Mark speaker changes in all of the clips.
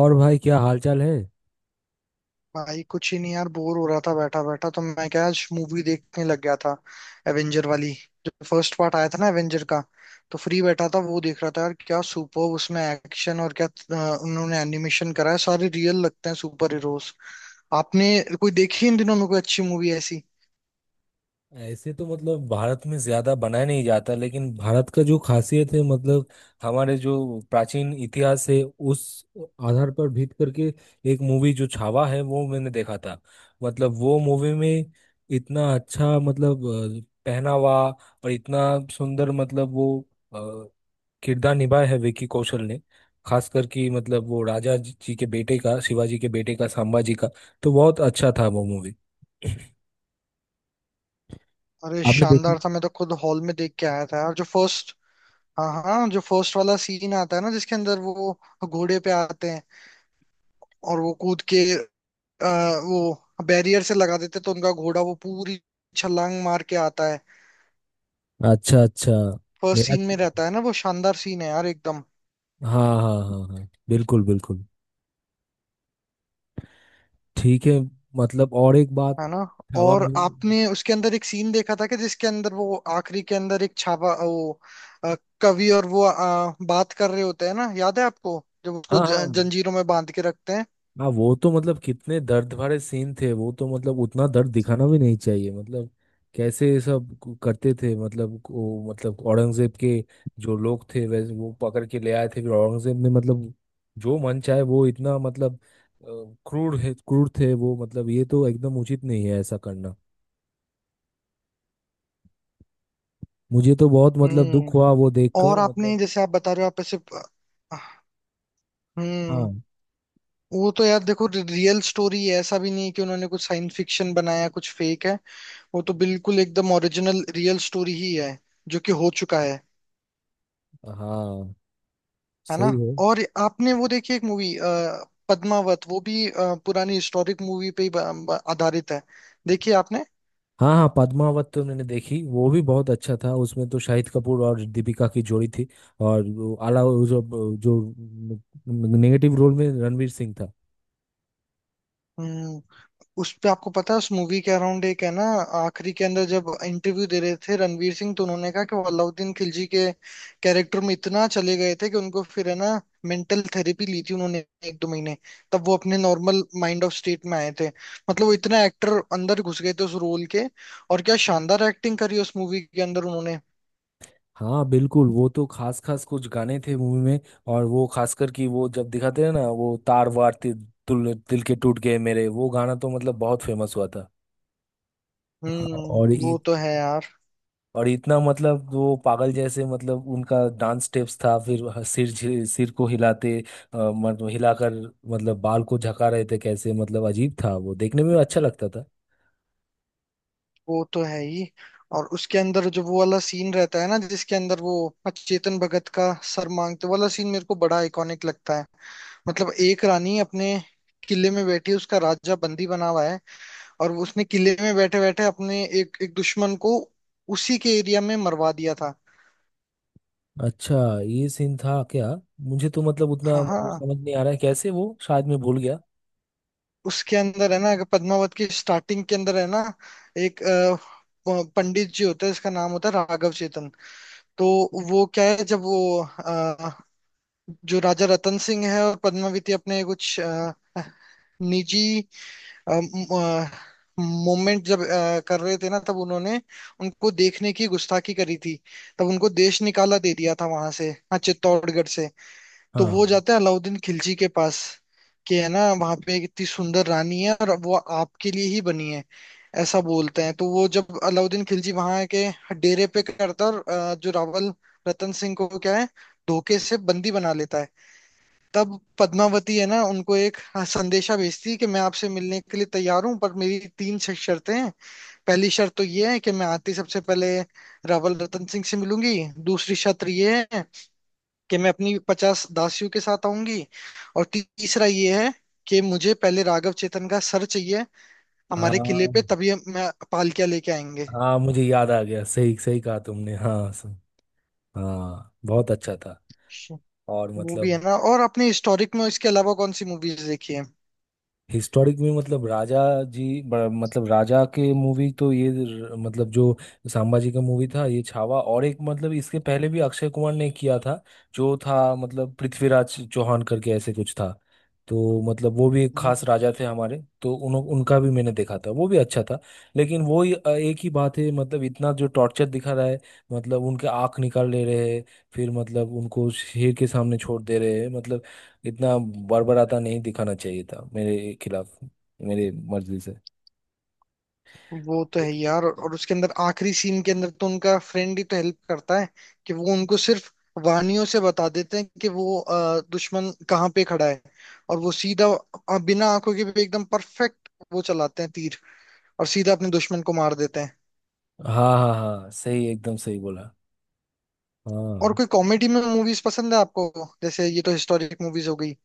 Speaker 1: और भाई, क्या हालचाल है?
Speaker 2: भाई कुछ ही नहीं यार बोर हो रहा था बैठा बैठा तो मैं क्या आज मूवी देखने लग गया था। एवेंजर वाली। जो फर्स्ट पार्ट आया था ना एवेंजर का। तो फ्री बैठा था वो देख रहा था यार क्या सुपर उसमें एक्शन और क्या उन्होंने एनिमेशन करा है सारे रियल लगते हैं सुपर हीरोज। आपने कोई देखी इन दिनों में कोई अच्छी मूवी ऐसी?
Speaker 1: ऐसे तो मतलब भारत में ज्यादा बनाया नहीं जाता लेकिन भारत का जो खासियत है मतलब हमारे जो प्राचीन इतिहास है उस आधार पर भीत करके एक मूवी जो छावा है वो मैंने देखा था। मतलब वो मूवी में इतना अच्छा मतलब पहनावा और इतना सुंदर मतलब वो अ, किरदार निभाया है विकी कौशल ने। खास करके मतलब वो राजा जी के बेटे का, शिवाजी के बेटे का, संभाजी का। तो बहुत अच्छा था वो मूवी।
Speaker 2: अरे
Speaker 1: आपने
Speaker 2: शानदार
Speaker 1: देखी?
Speaker 2: था मैं तो खुद हॉल में देख के आया था यार जो फर्स्ट। हाँ हाँ, जो फर्स्ट वाला सीन आता है ना जिसके अंदर वो घोड़े पे आते हैं और वो कूद के अ, वो बैरियर से लगा देते तो उनका घोड़ा वो पूरी छलांग मार के आता है।
Speaker 1: अच्छा अच्छा।
Speaker 2: फर्स्ट
Speaker 1: मेरा
Speaker 2: सीन में
Speaker 1: तो,
Speaker 2: रहता है ना, वो शानदार सीन है यार एकदम।
Speaker 1: हाँ हाँ हाँ हाँ, बिल्कुल बिल्कुल। ठीक है। मतलब, और एक बात —
Speaker 2: है ना?
Speaker 1: हवा
Speaker 2: और
Speaker 1: में।
Speaker 2: आपने उसके अंदर एक सीन देखा था कि जिसके अंदर वो आखिरी के अंदर एक छापा वो अ, कवि और वो बात कर रहे होते हैं ना, याद है आपको जब उसको
Speaker 1: हाँ हाँ
Speaker 2: जंजीरों में बांध के रखते हैं?
Speaker 1: हाँ, वो तो मतलब कितने दर्द भरे सीन थे वो, तो मतलब उतना दर्द दिखाना भी नहीं चाहिए। मतलब कैसे ये सब करते थे, मतलब वो, मतलब औरंगजेब के जो लोग थे वैसे, वो पकड़ के ले आए थे फिर औरंगजेब ने मतलब जो मन चाहे, वो इतना मतलब अ, क्रूर है, क्रूर थे वो। मतलब ये तो एकदम उचित नहीं है ऐसा करना। मुझे तो बहुत मतलब
Speaker 2: हम्म।
Speaker 1: दुख हुआ वो
Speaker 2: और
Speaker 1: देखकर
Speaker 2: आपने
Speaker 1: मतलब।
Speaker 2: जैसे आप बता रहे हो आप ऐसे। हम्म।
Speaker 1: हाँ
Speaker 2: वो तो यार देखो रियल स्टोरी है, ऐसा भी नहीं है कि उन्होंने कुछ साइंस फिक्शन बनाया कुछ फेक है। वो तो बिल्कुल एकदम ओरिजिनल रियल स्टोरी ही है जो कि हो चुका है।
Speaker 1: हाँ,
Speaker 2: है ना?
Speaker 1: सही है।
Speaker 2: और आपने वो देखी एक मूवी पद्मावत, वो भी पुरानी हिस्टोरिक मूवी पे ही आधारित है। देखिए आपने।
Speaker 1: हाँ हाँ, पद्मावत तो मैंने देखी, वो भी बहुत अच्छा था, उसमें तो शाहिद कपूर और दीपिका की जोड़ी थी। और वो आला, वो जो, जो नेगेटिव रोल में रणवीर सिंह था।
Speaker 2: हम्म, उस पे आपको पता है उस मूवी के अराउंड एक है ना। आखिरी के अंदर जब इंटरव्यू दे रहे थे रणवीर सिंह, तो उन्होंने कहा कि वो अलाउद्दीन खिलजी के कैरेक्टर में इतना चले गए थे कि उनको फिर है ना मेंटल थेरेपी ली थी उन्होंने एक दो महीने। तब वो अपने नॉर्मल माइंड ऑफ स्टेट में आए थे। मतलब वो इतना एक्टर अंदर घुस गए थे उस रोल के। और क्या शानदार एक्टिंग करी उस मूवी के अंदर उन्होंने।
Speaker 1: हाँ बिल्कुल, वो तो खास खास कुछ गाने थे मूवी में। और वो खासकर कि वो जब दिखाते हैं ना, वो तार वार, तिल, तिल के टूट गए मेरे — वो गाना तो मतलब बहुत फेमस हुआ था। हाँ,
Speaker 2: हम्म, वो तो है यार।
Speaker 1: और इतना मतलब वो पागल जैसे, मतलब उनका डांस स्टेप्स था, फिर सिर सिर को हिलाते, मतलब हिलाकर, मतलब बाल को झका रहे थे कैसे, मतलब अजीब था, वो देखने में अच्छा लगता था।
Speaker 2: वो तो है ही। और उसके अंदर जो वो वाला सीन रहता है ना जिसके अंदर वो चेतन भगत का सर मांगते, वो वाला सीन मेरे को बड़ा आइकॉनिक लगता है। मतलब एक रानी अपने किले में बैठी है, उसका राजा बंदी बना हुआ है, और वो उसने किले में बैठे बैठे अपने एक एक दुश्मन को उसी के एरिया में मरवा दिया था।
Speaker 1: अच्छा, ये सीन था क्या? मुझे तो मतलब उतना
Speaker 2: हाँ
Speaker 1: मतलब
Speaker 2: हाँ,
Speaker 1: समझ नहीं आ रहा है, कैसे वो, शायद मैं भूल गया।
Speaker 2: उसके अंदर है ना, अगर पद्मावत की स्टार्टिंग के अंदर है ना, एक पंडित जी होता है, इसका नाम होता है राघव चेतन। तो वो क्या है जब वो जो राजा रतन सिंह है और पद्मावती अपने कुछ निजी मोमेंट जब कर रहे थे ना, तब उन्होंने उनको देखने की गुस्ताखी करी थी। तब उनको देश निकाला दे दिया था वहां से, हाँ, चित्तौड़गढ़ से। तो वो
Speaker 1: हाँ
Speaker 2: जाते हैं अलाउद्दीन खिलजी के पास कि है ना वहां पे एक इतनी सुंदर रानी है और वो आपके लिए ही बनी है ऐसा बोलते हैं, तो वो जब अलाउद्दीन खिलजी वहां के डेरे पे करता है और जो रावल रतन सिंह को क्या है धोखे से बंदी बना लेता है। तब पद्मावती है ना उनको एक, हाँ, संदेशा भेजती है कि मैं आपसे मिलने के लिए तैयार हूँ पर मेरी तीन शर्तें हैं। पहली शर्त तो ये है कि मैं आती सबसे पहले रावल रतन सिंह से मिलूंगी। दूसरी शर्त ये है कि मैं अपनी 50 दासियों के साथ आऊंगी। और तीसरा ये है कि मुझे पहले राघव चेतन का सर चाहिए हमारे किले
Speaker 1: हाँ
Speaker 2: पे, तभी मैं पालकिया लेके आएंगे।
Speaker 1: हाँ, मुझे याद आ गया, सही सही कहा तुमने। हाँ, हाँ बहुत अच्छा था। और
Speaker 2: वो भी है
Speaker 1: मतलब,
Speaker 2: ना। और अपने हिस्टोरिक में इसके अलावा कौन सी मूवीज देखी
Speaker 1: हिस्टोरिक में मतलब राजा जी, मतलब राजा के मूवी तो ये मतलब जो संभाजी का मूवी था ये छावा। और एक मतलब इसके पहले भी अक्षय कुमार ने किया था, जो था मतलब पृथ्वीराज चौहान करके ऐसे कुछ था। तो मतलब वो भी एक
Speaker 2: है?
Speaker 1: खास राजा थे हमारे, तो उन उनका भी मैंने देखा था, वो भी अच्छा था। लेकिन वो ही, एक ही बात है, मतलब इतना जो टॉर्चर दिखा रहा है, मतलब उनके आँख निकाल ले रहे हैं, फिर मतलब उनको शेर के सामने छोड़ दे रहे हैं मतलब। इतना बड़बड़ाता नहीं दिखाना चाहिए था मेरे खिलाफ, मेरे मर्जी से।
Speaker 2: वो तो है यार, और उसके अंदर आखिरी सीन के अंदर तो उनका फ्रेंड ही तो हेल्प करता है कि वो उनको सिर्फ वानियों से बता देते हैं कि वो दुश्मन कहाँ पे खड़ा है। और वो सीधा बिना आंखों के भी एकदम परफेक्ट वो चलाते हैं तीर, और सीधा अपने दुश्मन को मार देते हैं।
Speaker 1: हाँ हाँ हाँ, सही एकदम सही बोला।
Speaker 2: और
Speaker 1: हाँ
Speaker 2: कोई कॉमेडी में मूवीज पसंद है आपको? जैसे ये तो हिस्टोरिक मूवीज हो गई।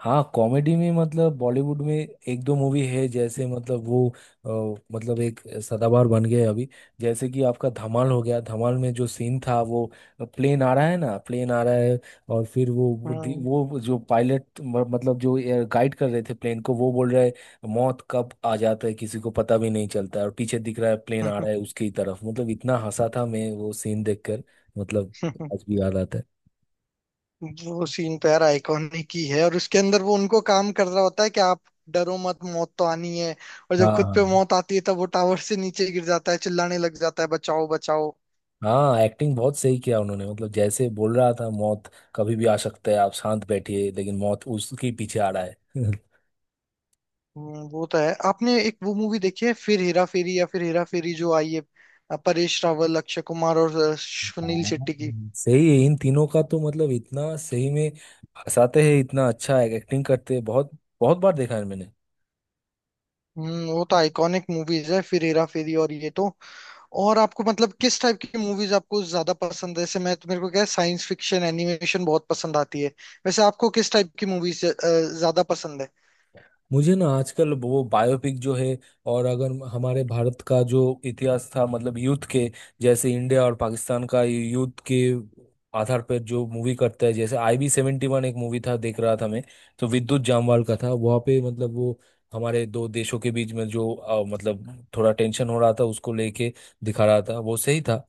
Speaker 1: हाँ, कॉमेडी में मतलब बॉलीवुड में एक दो मूवी है, जैसे मतलब वो अ, मतलब एक सदाबहार बन गए अभी। जैसे कि आपका धमाल हो गया, धमाल में जो सीन था वो, प्लेन आ रहा है ना, प्लेन आ रहा है, और फिर वो वो दी-
Speaker 2: हम्म।
Speaker 1: वो जो पायलट मतलब जो गाइड कर रहे थे प्लेन को, वो बोल रहा है, "मौत कब आ जाता है, किसी को पता भी नहीं चलता है", और पीछे दिख रहा है प्लेन आ रहा है उसकी तरफ, मतलब इतना हंसा था मैं वो सीन देखकर, मतलब आज भी याद आता है।
Speaker 2: वो सीन पैर आइकॉनिक ही है, और उसके अंदर वो उनको काम कर रहा होता है कि आप डरो मत मौत तो आनी है, और जब
Speaker 1: हाँ
Speaker 2: खुद पे
Speaker 1: हाँ।
Speaker 2: मौत आती है तब वो टावर से नीचे गिर जाता है, चिल्लाने लग जाता है बचाओ बचाओ।
Speaker 1: हाँ, एक्टिंग बहुत सही किया उन्होंने, मतलब जैसे बोल रहा था, मौत कभी भी आ सकता है, आप शांत बैठिए, लेकिन मौत उसके पीछे आ रहा है।
Speaker 2: वो तो है। आपने एक वो मूवी देखी है फिर हेरा फेरी या फिर हेरा फेरी जो आई है, परेश रावल, अक्षय कुमार और सुनील शेट्टी की?
Speaker 1: हाँ सही है, इन तीनों का तो मतलब इतना सही में हंसाते हैं, इतना अच्छा एक्टिंग करते हैं। बहुत बहुत बार देखा है मैंने।
Speaker 2: हम्म, वो तो आइकॉनिक मूवीज है फिर हेरा फेरी, और ये तो। और आपको मतलब किस टाइप की मूवीज आपको ज्यादा पसंद है? जैसे मैं तो मेरे को क्या, साइंस फिक्शन एनिमेशन बहुत पसंद आती है। वैसे आपको किस टाइप की मूवीज ज्यादा पसंद है?
Speaker 1: मुझे ना आजकल वो बायोपिक जो है, और अगर हमारे भारत का जो इतिहास था, मतलब युद्ध के, जैसे इंडिया और पाकिस्तान का युद्ध के आधार पर जो मूवी करता है, जैसे IB 71, एक मूवी था, देख रहा था मैं। तो विद्युत जामवाल का था वहाँ पे, मतलब वो हमारे दो देशों के बीच में जो मतलब थोड़ा टेंशन हो रहा था उसको लेके दिखा रहा था, वो सही था।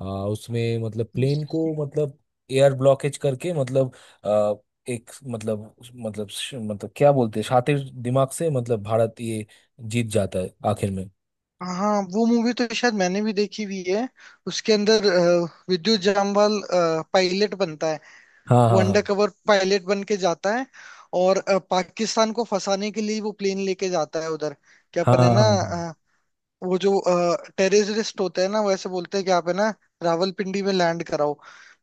Speaker 1: उसमें मतलब प्लेन को मतलब एयर ब्लॉकेज करके, मतलब एक मतलब, मतलब मतलब क्या बोलते हैं, शातिर दिमाग से मतलब भारत ये जीत जाता है आखिर में।
Speaker 2: हाँ, वो मूवी तो शायद मैंने भी देखी हुई है। उसके अंदर विद्युत जामवाल पायलट बनता है।
Speaker 1: हाँ
Speaker 2: वो
Speaker 1: हाँ हाँ
Speaker 2: अंडर कवर पायलट बन के जाता है, और पाकिस्तान को फंसाने के लिए वो प्लेन लेके जाता है उधर। क्या
Speaker 1: हाँ
Speaker 2: अपन है
Speaker 1: हाँ
Speaker 2: ना।
Speaker 1: हाँ।
Speaker 2: वो जो टेररिस्ट होते हैं ना, वो ऐसे बोलते हैं कि आप है ना रावलपिंडी में लैंड कराओ,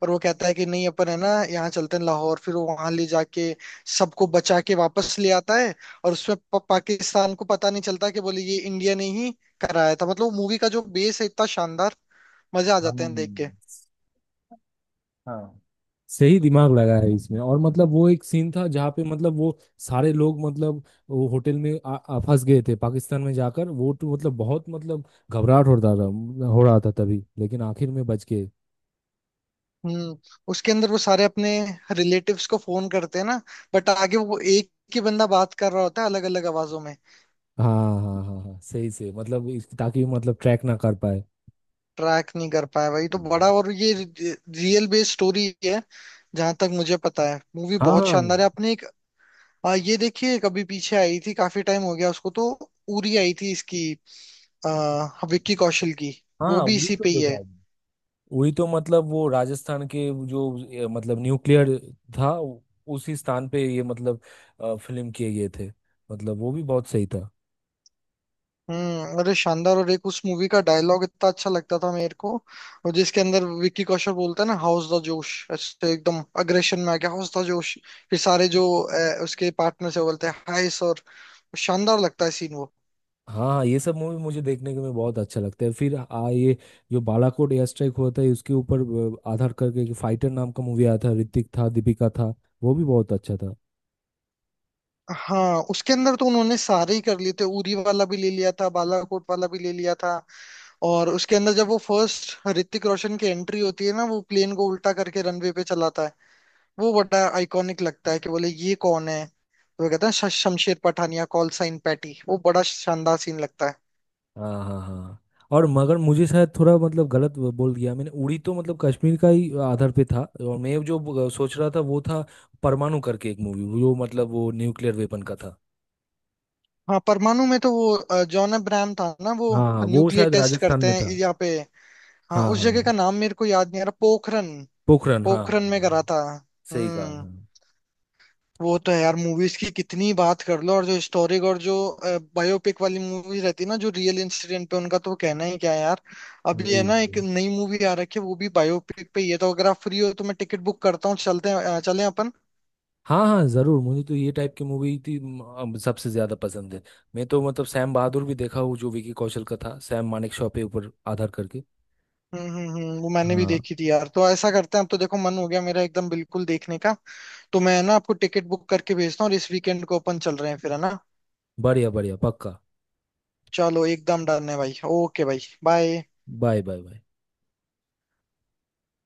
Speaker 2: पर वो कहता है कि नहीं, अपन है ना यहाँ चलते हैं लाहौर, फिर वो वहां ले जाके सबको बचा के वापस ले आता है। और उसमें पाकिस्तान को पता नहीं चलता कि बोले ये इंडिया ने ही कराया था। मतलब मूवी का जो बेस है इतना शानदार, मजे आ जाते
Speaker 1: हम।
Speaker 2: हैं देख के।
Speaker 1: हाँ सही, दिमाग लगा है इसमें। और मतलब वो एक सीन था जहाँ पे मतलब वो सारे लोग मतलब वो होटल में आ, आ, फंस गए थे पाकिस्तान में जाकर, वो तो मतलब बहुत मतलब घबराहट हो रहा था, हो रहा था तभी, लेकिन आखिर में बच गए।
Speaker 2: हम्म। उसके अंदर वो सारे अपने रिलेटिव्स को फोन करते हैं ना, बट आगे वो एक ही बंदा बात कर रहा होता है अलग अलग आवाजों में।
Speaker 1: हाँ हाँ हाँ हाँ, सही से मतलब ताकि मतलब ट्रैक ना कर पाए।
Speaker 2: ट्रैक नहीं कर पाया भाई तो बड़ा,
Speaker 1: हम्म।
Speaker 2: और ये रियल बेस्ड स्टोरी है जहां तक मुझे पता है। मूवी
Speaker 1: हाँ
Speaker 2: बहुत
Speaker 1: हाँ
Speaker 2: शानदार है। आपने एक ये देखिए, कभी पीछे आई थी, काफी टाइम हो गया उसको तो, उरी आई थी इसकी, विक्की कौशल की? वो
Speaker 1: हाँ,
Speaker 2: भी
Speaker 1: उड़ी
Speaker 2: इसी
Speaker 1: तो
Speaker 2: पे ही
Speaker 1: देखा
Speaker 2: है।
Speaker 1: है। उड़ी तो मतलब वो राजस्थान के जो मतलब न्यूक्लियर था, उसी स्थान पे ये मतलब फिल्म किए गए थे, मतलब वो भी बहुत सही था।
Speaker 2: हम्म, अरे शानदार! और एक उस मूवी का डायलॉग इतना अच्छा लगता था मेरे को, और जिसके अंदर विक्की कौशल बोलता है ना हाउस द जोश, ऐसे एकदम अग्रेशन में आ गया हाउस द जोश, फिर सारे जो उसके पार्टनर से बोलते हैं हाय सर। शानदार लगता है सीन वो।
Speaker 1: हाँ हाँ, ये सब मूवी मुझे देखने के में बहुत अच्छा लगता है। फिर आ ये जो बालाकोट एयर स्ट्राइक हुआ था उसके ऊपर आधार करके फाइटर नाम का मूवी आया था, ऋतिक था, दीपिका था, वो भी बहुत अच्छा था।
Speaker 2: हाँ, उसके अंदर तो उन्होंने सारे ही कर लिए थे, उरी वाला भी ले लिया था, बालाकोट वाला भी ले लिया था। और उसके अंदर जब वो फर्स्ट ऋतिक रोशन की एंट्री होती है ना, वो प्लेन को उल्टा करके रनवे पे चलाता है, वो बड़ा आइकॉनिक लगता है कि बोले ये कौन है, तो वो कहता है Shamsher Pathania, call sign Patty", वो बड़ा शानदार सीन लगता है।
Speaker 1: हाँ हाँ हाँ, और मगर मुझे शायद थोड़ा मतलब गलत वो बोल दिया मैंने, उड़ी तो मतलब कश्मीर का ही आधार पे था, और मैं जो सोच रहा था वो था परमाणु करके एक मूवी, वो मतलब वो न्यूक्लियर वेपन का था।
Speaker 2: हाँ, परमाणु में तो वो जॉन अब्राहम था ना, वो
Speaker 1: हाँ हाँ, वो
Speaker 2: न्यूक्लियर
Speaker 1: शायद
Speaker 2: टेस्ट
Speaker 1: राजस्थान
Speaker 2: करते
Speaker 1: में
Speaker 2: हैं
Speaker 1: था।
Speaker 2: यहाँ पे। हाँ
Speaker 1: हाँ
Speaker 2: उस
Speaker 1: हाँ,
Speaker 2: जगह का नाम मेरे को याद नहीं आ रहा, पोखरन।
Speaker 1: पोखरण। हाँ हाँ
Speaker 2: पोखरन
Speaker 1: हाँ
Speaker 2: में करा
Speaker 1: हाँ,
Speaker 2: था।
Speaker 1: सही कहा।
Speaker 2: हम्म,
Speaker 1: हाँ।
Speaker 2: वो तो है यार। मूवीज की कितनी बात कर लो, और जो हिस्टोरिक और जो बायोपिक वाली मूवीज रहती है ना जो रियल इंसिडेंट पे, उनका तो कहना ही क्या है यार। अभी है
Speaker 1: वही
Speaker 2: ना एक
Speaker 1: वही।
Speaker 2: नई मूवी आ रखी है, वो भी बायोपिक पे ही है, तो अगर आप फ्री हो तो मैं टिकट बुक करता हूँ, चलते हैं, चलें अपन?
Speaker 1: हाँ हाँ जरूर, मुझे तो ये टाइप की मूवी थी अब सबसे ज्यादा पसंद है। मैं तो मतलब सैम बहादुर भी देखा हूँ, जो विकी कौशल का था, सैम मानेकशॉ पे ऊपर आधार करके।
Speaker 2: वो मैंने भी
Speaker 1: हाँ,
Speaker 2: देखी थी यार। तो ऐसा करते हैं, अब तो देखो मन हो गया मेरा एकदम बिल्कुल देखने का। तो मैं ना आपको टिकट बुक करके भेजता हूँ और इस वीकेंड को अपन चल रहे हैं, फिर है ना?
Speaker 1: बढ़िया बढ़िया पक्का।
Speaker 2: चलो एकदम डन है भाई, ओके, भाई बाय।
Speaker 1: Bye bye bye.